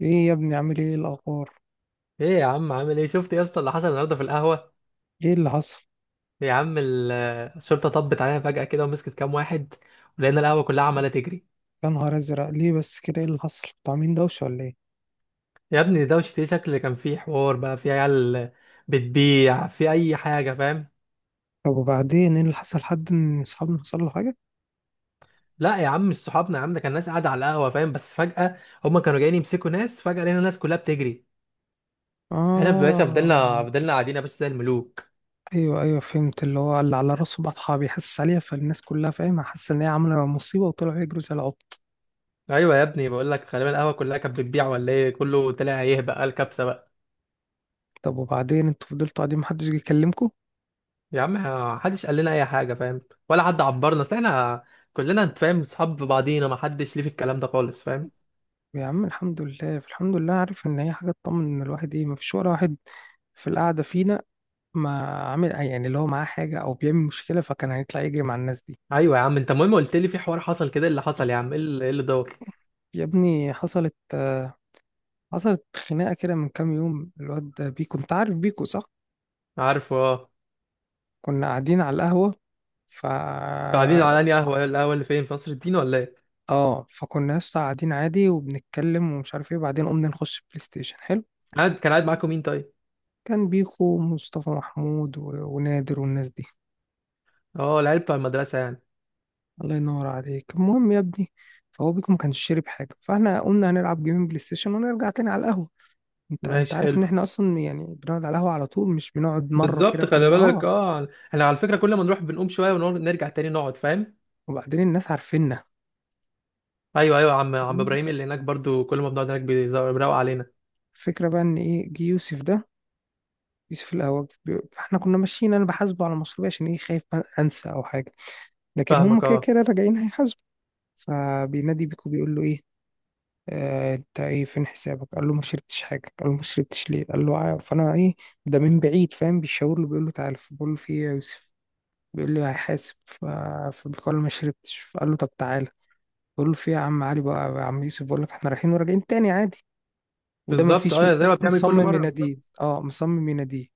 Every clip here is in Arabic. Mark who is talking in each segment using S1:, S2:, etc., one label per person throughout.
S1: ايه يا ابني عامل ايه إيه الاخبار؟
S2: ايه يا عم عامل ايه؟ شفت يا اسطى اللي حصل النهارده في القهوه؟
S1: ايه اللي حصل؟
S2: يا عم الشرطه طبت علينا فجاه كده ومسكت كام واحد، ولقينا القهوه كلها عماله تجري.
S1: يا نهار ازرق، ليه بس كده؟ ايه اللي حصل؟ انتوا عاملين دوشه ولا ايه؟
S2: يا ابني ده ده شكل كان فيه حوار بقى في عيال بتبيع في اي حاجه، فاهم؟
S1: طب وبعدين ايه اللي حصل؟ حد من اصحابنا حصل له حاجه؟
S2: لا يا عم، مش صحابنا يا عم، ده كان ناس قاعده على القهوه فاهم، بس فجاه هما كانوا جايين يمسكوا ناس، فجاه لقينا الناس كلها بتجري. احنا في باشا فضلنا
S1: اه،
S2: فضلنا قاعدين يا باشا زي الملوك.
S1: ايوه ايوه فهمت، اللي هو اللي على راسه بطحه بيحسس عليها، فالناس كلها فاهمه حاسه ان هي عامله مصيبه وطلعوا يجروا زي العبط.
S2: ايوه يا ابني، بقول لك غالبا القهوه كلها كانت بتبيع ولا ايه، كله طلع يهبق، قال كبسه بقى.
S1: طب وبعدين انتوا فضلتوا قاعدين محدش جه يكلمكم؟
S2: يا عم محدش قال لنا اي حاجه، فاهم؟ ولا حد عبرنا، اصل احنا كلنا انت فاهم صحاب في بعضينا، ما حدش ليه في الكلام ده خالص، فاهم؟
S1: يا عم الحمد لله الحمد لله، عارف ان هي حاجه تطمن، ان الواحد ايه، مفيش ولا واحد في القعده فينا ما عامل، يعني اللي هو معاه حاجه او بيعمل مشكله، فكان هيطلع يجري مع الناس دي.
S2: ايوه يا عم، انت المهم قلت لي في حوار حصل كده، إيه اللي حصل يا عم؟ ايه اللي دور؟
S1: يا ابني حصلت حصلت خناقة كده من كام يوم. الواد ده بيكو، انت عارف بيكو صح؟
S2: عارفه اه.
S1: كنا قاعدين على القهوة ف
S2: انتوا قاعدين على انهي قهوه؟ إيه القهوه اللي فين، في قصر الدين ولا ايه؟
S1: اه فكنا يا اسطى قاعدين عادي وبنتكلم ومش عارف ايه، بعدين قمنا نخش بلاي ستيشن. حلو.
S2: كان قاعد معاكم مين طيب؟
S1: كان بيكو ومصطفى محمود و... ونادر والناس دي.
S2: اه العيال بتوع المدرسه يعني.
S1: الله ينور عليك. المهم يا ابني، فهو بيكو ما كانش شارب حاجة، فاحنا قمنا هنلعب جيمين بلاي ستيشن ونرجع تاني على القهوة. انت
S2: ماشي
S1: عارف
S2: حلو.
S1: ان احنا اصلا يعني بنقعد على القهوة على طول، مش بنقعد مرة كده
S2: بالظبط، خلي
S1: كل
S2: بالك،
S1: اه،
S2: اه احنا على فكره كل ما نروح بنقوم شويه ونرجع تاني نقعد، فاهم؟
S1: وبعدين الناس عارفيننا.
S2: ايوه ايوه، عم ابراهيم اللي هناك برضو كل ما بنقعد هناك بيروق علينا.
S1: الفكرة بقى ان ايه، جه يوسف ده، يوسف الاهوج. احنا كنا ماشيين، انا بحاسبه على مصروفي عشان ايه، خايف انسى او حاجة، لكن هم
S2: فاهمك
S1: كده
S2: اه.
S1: كده راجعين هيحاسبوا. فبينادي بيكو، بيقول له ايه، آه انت ايه، فين حسابك؟ قال له ما شربتش حاجة. قال له ما شربتش ليه؟ قال له فانا ايه، ده من بعيد فاهم بيشاور له بيقول له تعالى. بقول له في ايه يا يوسف؟ بيقول لي هيحاسب. فبيقول له ما شربتش. فقال له طب تعالى. بقول له في إيه يا عم علي، بقى يا عم يوسف بقول لك احنا رايحين وراجعين تاني عادي، وده
S2: بالظبط
S1: مفيش.
S2: اه، زي ما بتعمل كل
S1: مصمم
S2: مره
S1: يناديه،
S2: بالظبط.
S1: اه مصمم يناديه.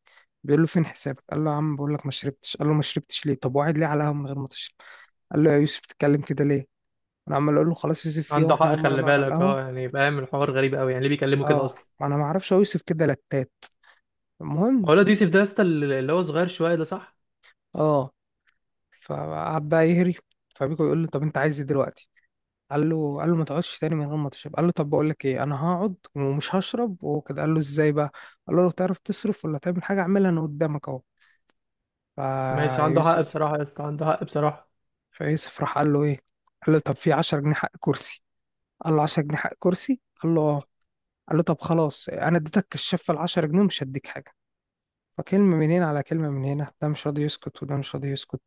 S1: بيقول له فين حسابك؟ قال له يا عم بقول لك ما شربتش. قال له ما شربتش ليه؟ طب وقعد ليه على القهوه من غير ما تشرب؟ قال له يا يوسف بتتكلم كده ليه؟ انا عمال اقول له خلاص يوسف، فيه
S2: عنده
S1: واحنا
S2: حق،
S1: اول مره
S2: خلي
S1: نقعد على
S2: بالك اه،
S1: القهوه.
S2: يعني فاهم الحوار غريب قوي، يعني ليه بيكلمه كده
S1: اه
S2: اصلا؟
S1: ما انا ما اعرفش، هو يوسف كده لتات.
S2: هو
S1: المهم
S2: الواد يوسف ده يا اسطى اللي هو صغير شويه ده صح؟
S1: اه، فقعد بقى يهري. فبيكو يقول له طب انت عايز ايه دلوقتي؟ قال له، قال له ما تقعدش تاني من غير ما تشرب. قال له طب بقول لك ايه، انا هقعد ومش هشرب وكده. قال له ازاي بقى؟ قال له لو تعرف تصرف ولا تعمل حاجه اعملها انا قدامك اهو.
S2: ماشي، عنده حق
S1: فيوسف،
S2: بصراحه يا اسطى، عنده حق بصراحه.
S1: فيوسف راح قال له ايه، قال له طب في 10 جنيه حق كرسي. قال له 10 جنيه حق كرسي؟ قال له اه. قال له طب خلاص انا اديتك الشفه ال 10 جنيه ومش هديك حاجه. فكلمه من هنا على كلمه من هنا، ده مش راضي يسكت وده مش راضي يسكت.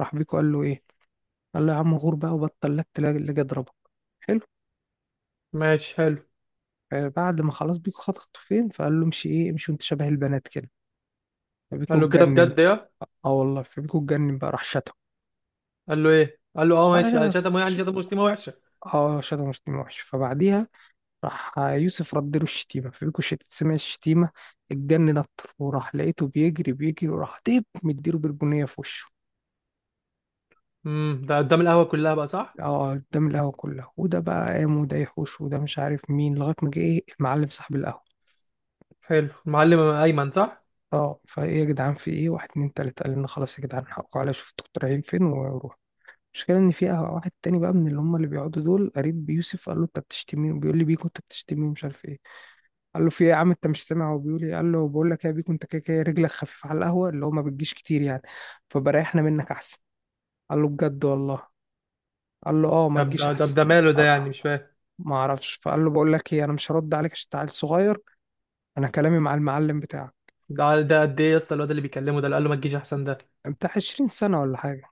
S1: راح بيكو قال له ايه، قال له يا عم غور بقى وبطل لك تلاقي اللي جه ضربك. حلو.
S2: ماشي حلو.
S1: بعد ما خلاص بيكو خد خطوتين، فقال له امشي ايه، امشي وانت شبه البنات كده. فبيكو
S2: قال له كده
S1: اتجنن.
S2: بجد يا...
S1: اه والله فبيكو اتجنن، بقى راح شتم.
S2: قال له ايه؟ قال له اه ماشي. قال
S1: اه
S2: شتمه إيه؟ يعني
S1: شتم.
S2: شتمه شتيمه وحشه.
S1: شتم وحش. فبعديها راح يوسف رد له الشتيمة، فبيكو سمع الشتيمة اتجنن أكتر، وراح لقيته بيجري بيجري، وراح ديب مديله بالبنية في وشه.
S2: امم، ده قدام القهوه كلها بقى صح؟
S1: اه قدام القهوة كلها، وده بقى قام وده يحوش وده مش عارف مين، لغاية ما جه ايه، المعلم صاحب القهوة.
S2: حلو، المعلم ايمن صح؟
S1: اه، فايه يا جدعان في ايه؟ واحد اتنين تلاتة قال لنا خلاص يا جدعان حقكم عليا، شوف انتوا رايحين فين وروح. المشكلة إن في قهوة واحد تاني بقى من اللي هم اللي بيقعدوا دول قريب بيوسف، قال له أنت بتشتمني وبيقول لي بيكو أنت بتشتمني ومش عارف إيه. قال له في ايه يا عم؟ انت مش سامع هو بيقول ايه؟ قال له بقول لك يا بيكو انت كده كده رجلك خفيفه على القهوه، اللي هو ما بتجيش كتير يعني، فبريحنا منك احسن. قال له بجد والله؟ قال له اه ما
S2: طب
S1: تجيش
S2: ده ده
S1: احسن.
S2: ده ماله ده؟
S1: قال-
S2: يعني مش فاهم.
S1: ما اعرفش، فقال له بقول لك ايه انا مش هرد عليك عشان انت عيل صغير، انا كلامي مع المعلم بتاعك.
S2: ده قد ايه يا اسطى الواد اللي بيكلمه ده اللي قال له ما تجيش احسن ده؟
S1: بتاع 20 سنه ولا حاجه.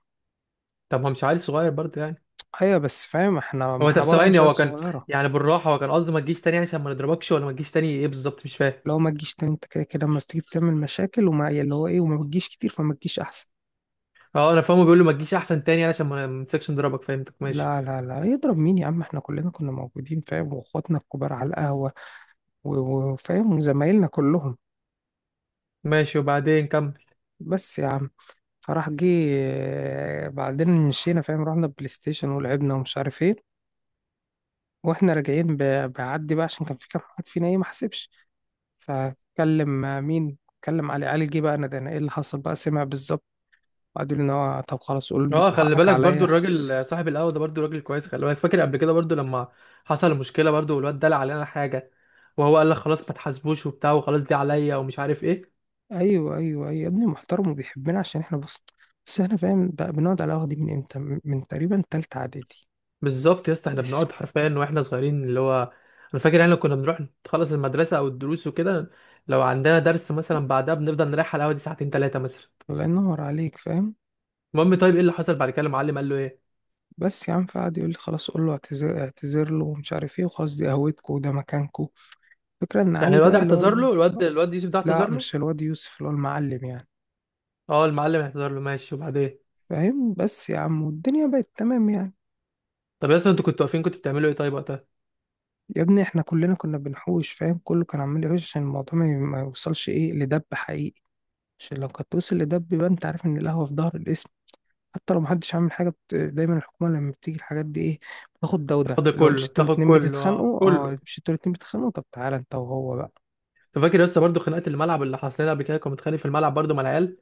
S2: طب ما مش عيل صغير برضه يعني؟
S1: ايوه بس فاهم احنا ما
S2: هو طب
S1: احنا برضه
S2: ثواني،
S1: مش عيال
S2: هو كان
S1: صغيره.
S2: يعني بالراحه، هو كان قصده ما تجيش تاني، يعني عشان ما نضربكش، ولا ما تجيش تاني ايه بالظبط؟ مش فاهم.
S1: لو ما تجيش تاني، انت كده كده لما بتيجي بتعمل مشاكل وما، يعني اللي هو ايه وما بتجيش كتير، فما تجيش احسن.
S2: اه انا فاهمه، بيقول له ما تجيش احسن تاني علشان ما نمسكش نضربك، فهمتك ماشي.
S1: لا لا لا، يضرب مين يا عم؟ احنا كلنا كنا موجودين فاهم، واخواتنا الكبار على القهوه وفاهم زمايلنا كلهم.
S2: ماشي وبعدين كمل.
S1: بس يا عم، فراح جه بعدين مشينا فاهم، رحنا بلاي ستيشن ولعبنا ومش عارف ايه. واحنا راجعين بعدي بقى، عشان كان في كام واحد فينا ايه ما حسبش. فكلم مين، كلم علي. علي جه بقى انا ايه اللي حصل بقى، سمع بالظبط، وقعدوا يقولوا ان هو طب خلاص قول
S2: اه
S1: بيكو
S2: خلي
S1: حقك
S2: بالك، برضو
S1: عليا.
S2: الراجل صاحب القهوه ده برضو راجل كويس، خلي بالك فاكر قبل كده برضو لما حصل مشكله، برضو والواد دلع علينا حاجه وهو قال لك خلاص ما تحاسبوش وبتاع، وخلاص دي عليا، ومش عارف ايه.
S1: ايوه ايوه ايوه يا ابني، محترم وبيحبنا عشان احنا بص، بس احنا فاهم بقى بنقعد على القهوه دي من امتى؟ من تقريبا تالتة اعدادي.
S2: بالظبط يا اسطى، احنا
S1: اسم
S2: بنقعد حرفيا واحنا صغيرين، اللي هو انا فاكر احنا كنا بنروح نخلص المدرسه او الدروس وكده، لو عندنا درس مثلا بعدها بنفضل نريح على القهوه دي ساعتين ثلاثه مثلا.
S1: الله ينور عليك. فاهم
S2: المهم، طيب ايه اللي حصل بعد كده؟ المعلم قال له ايه؟
S1: بس يا عم، فقعد يقول لي خلاص قول له اعتذر، اعتذر له ومش عارف ايه، وخلاص دي قهوتكم وده مكانكم. فكرة ان
S2: يعني
S1: علي
S2: الواد
S1: ده اللي هو
S2: اعتذر له؟ الواد يوسف ده اعتذر
S1: لا
S2: له؟
S1: مش الواد يوسف، اللي هو المعلم يعني.
S2: اه، المعلم اعتذر له ماشي. وبعدين؟
S1: فاهم بس يا عم، والدنيا بقت تمام يعني.
S2: طب يا اسطى، انتوا كنتوا واقفين كنتوا بتعملوا ايه طيب وقتها؟
S1: يا ابني احنا كلنا كنا بنحوش فاهم، كله كان عمال يحوش عشان الموضوع ما يوصلش ايه لدب حقيقي. عشان لو كانت توصل لدب يبقى انت عارف ان القهوة في ظهر الاسم، حتى لو محدش عامل حاجة بت... دايما الحكومة لما بتيجي الحاجات دي ايه، بتاخد ده وده،
S2: تاخد
S1: لو
S2: كله،
S1: مش انتوا
S2: تاخد
S1: الاتنين
S2: كله، اه
S1: بتتخانقوا
S2: كله.
S1: اه، مش انتوا الاتنين بتتخانقوا طب تعالى انت وهو بقى.
S2: انت فاكر يا اسطى برضه خناقه الملعب اللي حصلت لنا قبل كده؟ كنا متخانق في الملعب برضه مع العيال.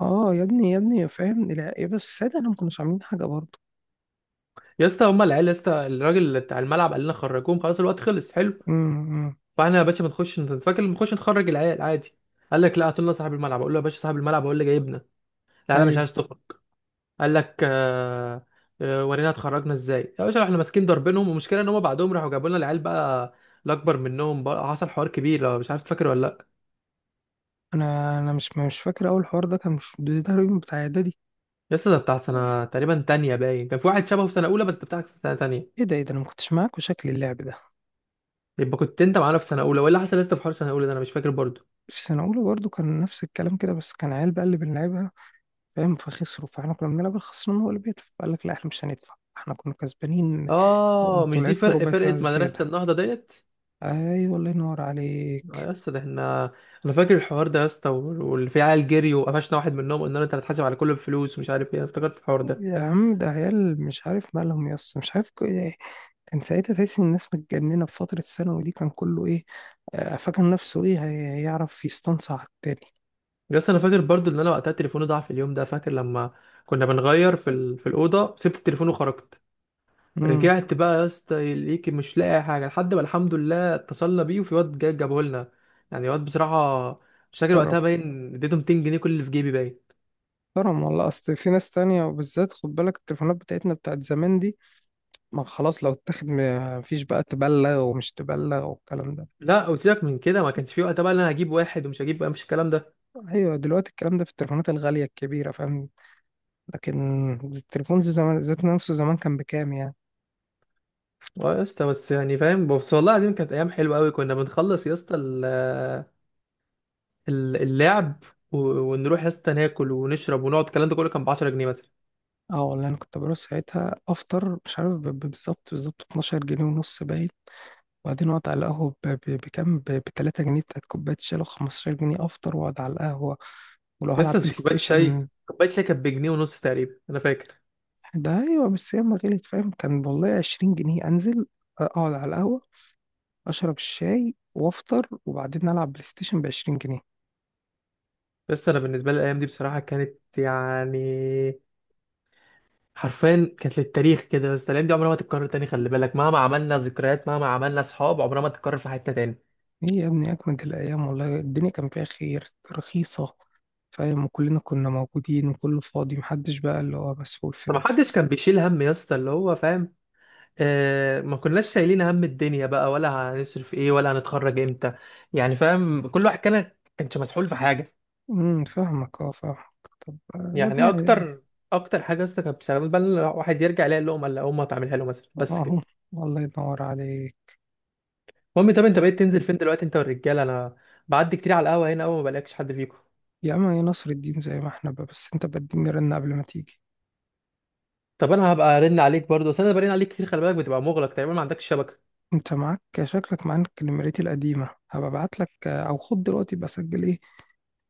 S1: اه يا ابني يا ابني فاهم، لا يا بس السيدة انا ما كناش عاملين حاجه برضه.
S2: يا اسطى، هما العيال يا اسطى، الراجل اللي بتاع الملعب قال لنا خرجوهم خلاص الوقت خلص حلو.
S1: امم امم.
S2: فاحنا يا باشا بنخش، انت فاكر بنخش نخرج العيال عادي، قال لك لا هات لنا صاحب الملعب. اقول له يا باشا صاحب الملعب هو اللي جايبنا، العيال مش
S1: ايوه
S2: عايز تخرج. قال لك ورينا اتخرجنا ازاي يا باشا. احنا ماسكين ضاربينهم، والمشكله ان هم بعدهم راحوا جابوا لنا العيال بقى، الاكبر منهم بقى حصل حوار كبير، لو مش عارف فاكر ولا؟
S1: انا مش فاكر اول حوار ده، كان مش ده تقريبا بتاع اعدادي؟
S2: لسه ده بتاع سنة تقريبا تانية باين، كان في واحد شبهه في سنة أولى، بس ده بتاعك في سنة تانية.
S1: ايه ده ايه ده، انا ما كنتش معاك وشكل اللعب ده.
S2: يبقى كنت أنت معانا في سنة أولى، ولا حصل لسه في حوار سنة أولى ده أنا مش فاكر برضو.
S1: في سنه اولى برضه كان نفس الكلام كده، بس كان عيال بقى اللي بنلعبها فاهم، فخسروا، فاحنا كنا بنلعب الخسران هو اللي بيدفع، فقال لك لا احنا مش هندفع، احنا كنا كسبانين
S2: آه
S1: وانتوا
S2: مش دي
S1: لعبتوا
S2: فرق
S1: ربع
S2: فرقة
S1: ساعه زياده.
S2: مدرسة النهضة ديت؟
S1: ايوه الله ينور
S2: آه
S1: عليك.
S2: يا اسطى، ده احنا أنا فاكر الحوار ده يا اسطى، واللي فيه عيال جري وقفشنا واحد منهم، قلنا له أنت هتتحاسب على كل الفلوس ومش عارف إيه، أنا افتكرت الحوار ده.
S1: يا عم ده عيال مش عارف مالهم يا اسطى، مش عارف إيه. كان ساعتها تحس ان الناس متجننه، في فتره الثانوي دي كان كله ايه، فاكر نفسه ايه، هيعرف يستنصع على التاني.
S2: يا اسطى، أنا فاكر برضو إن أنا وقتها تليفوني ضاع في اليوم ده، فاكر لما كنا بنغير في في الأوضة، سبت التليفون وخرجت،
S1: امم.
S2: رجعت بقى يا اسطى ليك مش لاقي حاجه، لحد ما الحمد لله اتصلنا بيه وفي واد جا جابه لنا، يعني واد بصراحه. مش فاكر
S1: كرم،
S2: وقتها باين، اديته 200 جنيه كل اللي في جيبي باين.
S1: كرم والله، اصل في ناس تانية وبالذات خد بالك، التليفونات بتاعتنا بتاعت زمان دي ما خلاص لو اتاخد ما فيش بقى تبلغ ومش تبلغ والكلام ده.
S2: لا، وسيبك من كده، ما كانش في وقتها بقى إن انا هجيب واحد ومش هجيب بقى، مفيش الكلام ده.
S1: ايوه دلوقتي الكلام ده في التليفونات الغاليه الكبيره فاهم، لكن التليفون زي زمان ذات نفسه، زمان كان بكام يعني؟
S2: اه يا اسطى، بس يعني فاهم، بس والله العظيم كانت ايام حلوه قوي، كنا بنخلص يا اسطى اللعب و- ونروح يا اسطى ناكل ونشرب ونقعد، الكلام ده كله كان ب 10 جنيه مثلا.
S1: اه والله انا كنت بروح ساعتها افطر مش عارف بالظبط بالظبط 12 جنيه ونص باين، وبعدين اقعد على القهوه بكام، ب 3 جنيه بتاعت كوبايه شاي، لو 15 جنيه افطر واقعد على القهوه ولو
S2: يا
S1: هلعب بلاي
S2: اسطى كوبايه شاي
S1: ستيشن.
S2: كوبايه شاي كانت بجنيه ونص تقريبا انا فاكر.
S1: ده ايوه بس هي ما غليت فاهم، كان والله 20 جنيه انزل اقعد على القهوه اشرب الشاي وافطر وبعدين العب بلاي ستيشن ب 20 جنيه.
S2: بس انا بالنسبه لي الايام دي بصراحه كانت يعني حرفيا كانت للتاريخ كده، بس الايام دي عمرها ما تتكرر تاني، خلي بالك مهما عملنا ذكريات مهما عملنا اصحاب عمرها ما تتكرر في حياتنا تاني.
S1: ايه يا ابني اجمد الايام والله، الدنيا كان فيها خير، رخيصه فاهم، وكلنا كنا موجودين وكله فاضي، محدش بقى اللي هو مسؤول في.
S2: طب ما حدش كان بيشيل هم يا اسطى، اللي هو فاهم آه، ما كناش شايلين هم الدنيا بقى، ولا هنصرف ايه، ولا هنتخرج امتى، يعني فاهم، كل واحد كان كانش مسحول في حاجه.
S1: فاهمك اه فاهمك. طب يا ابني،
S2: يعني اكتر حاجه يا اسطى كانت بتشغل بال الواحد يرجع يلاقي اللقمه اللي امه هتعملها له مثلا، بس
S1: اهو
S2: كده.
S1: الله ينور عليك.
S2: المهم، طب انت بقيت تنزل فين دلوقتي انت والرجاله؟ انا بعدي كتير على القهوه هنا، اول ما بلاقيكش حد فيكم.
S1: يا اما يا نصر الدين زي ما احنا بقى، بس انت بديني رن قبل ما تيجي.
S2: طب انا هبقى ارن عليك برضه، بس انا برن عليك كتير خلي بالك بتبقى مغلق تقريبا ما عندكش شبكه.
S1: انت معاك شكلك معاك نمرتي القديمة، هبقى ابعت لك او خد دلوقتي بسجل ايه،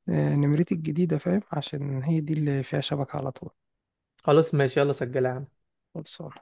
S1: نمرتي الجديدة فاهم، عشان هي دي اللي فيها شبكة على طول.
S2: خلاص ماشي، يلا سجلها.
S1: خلصان.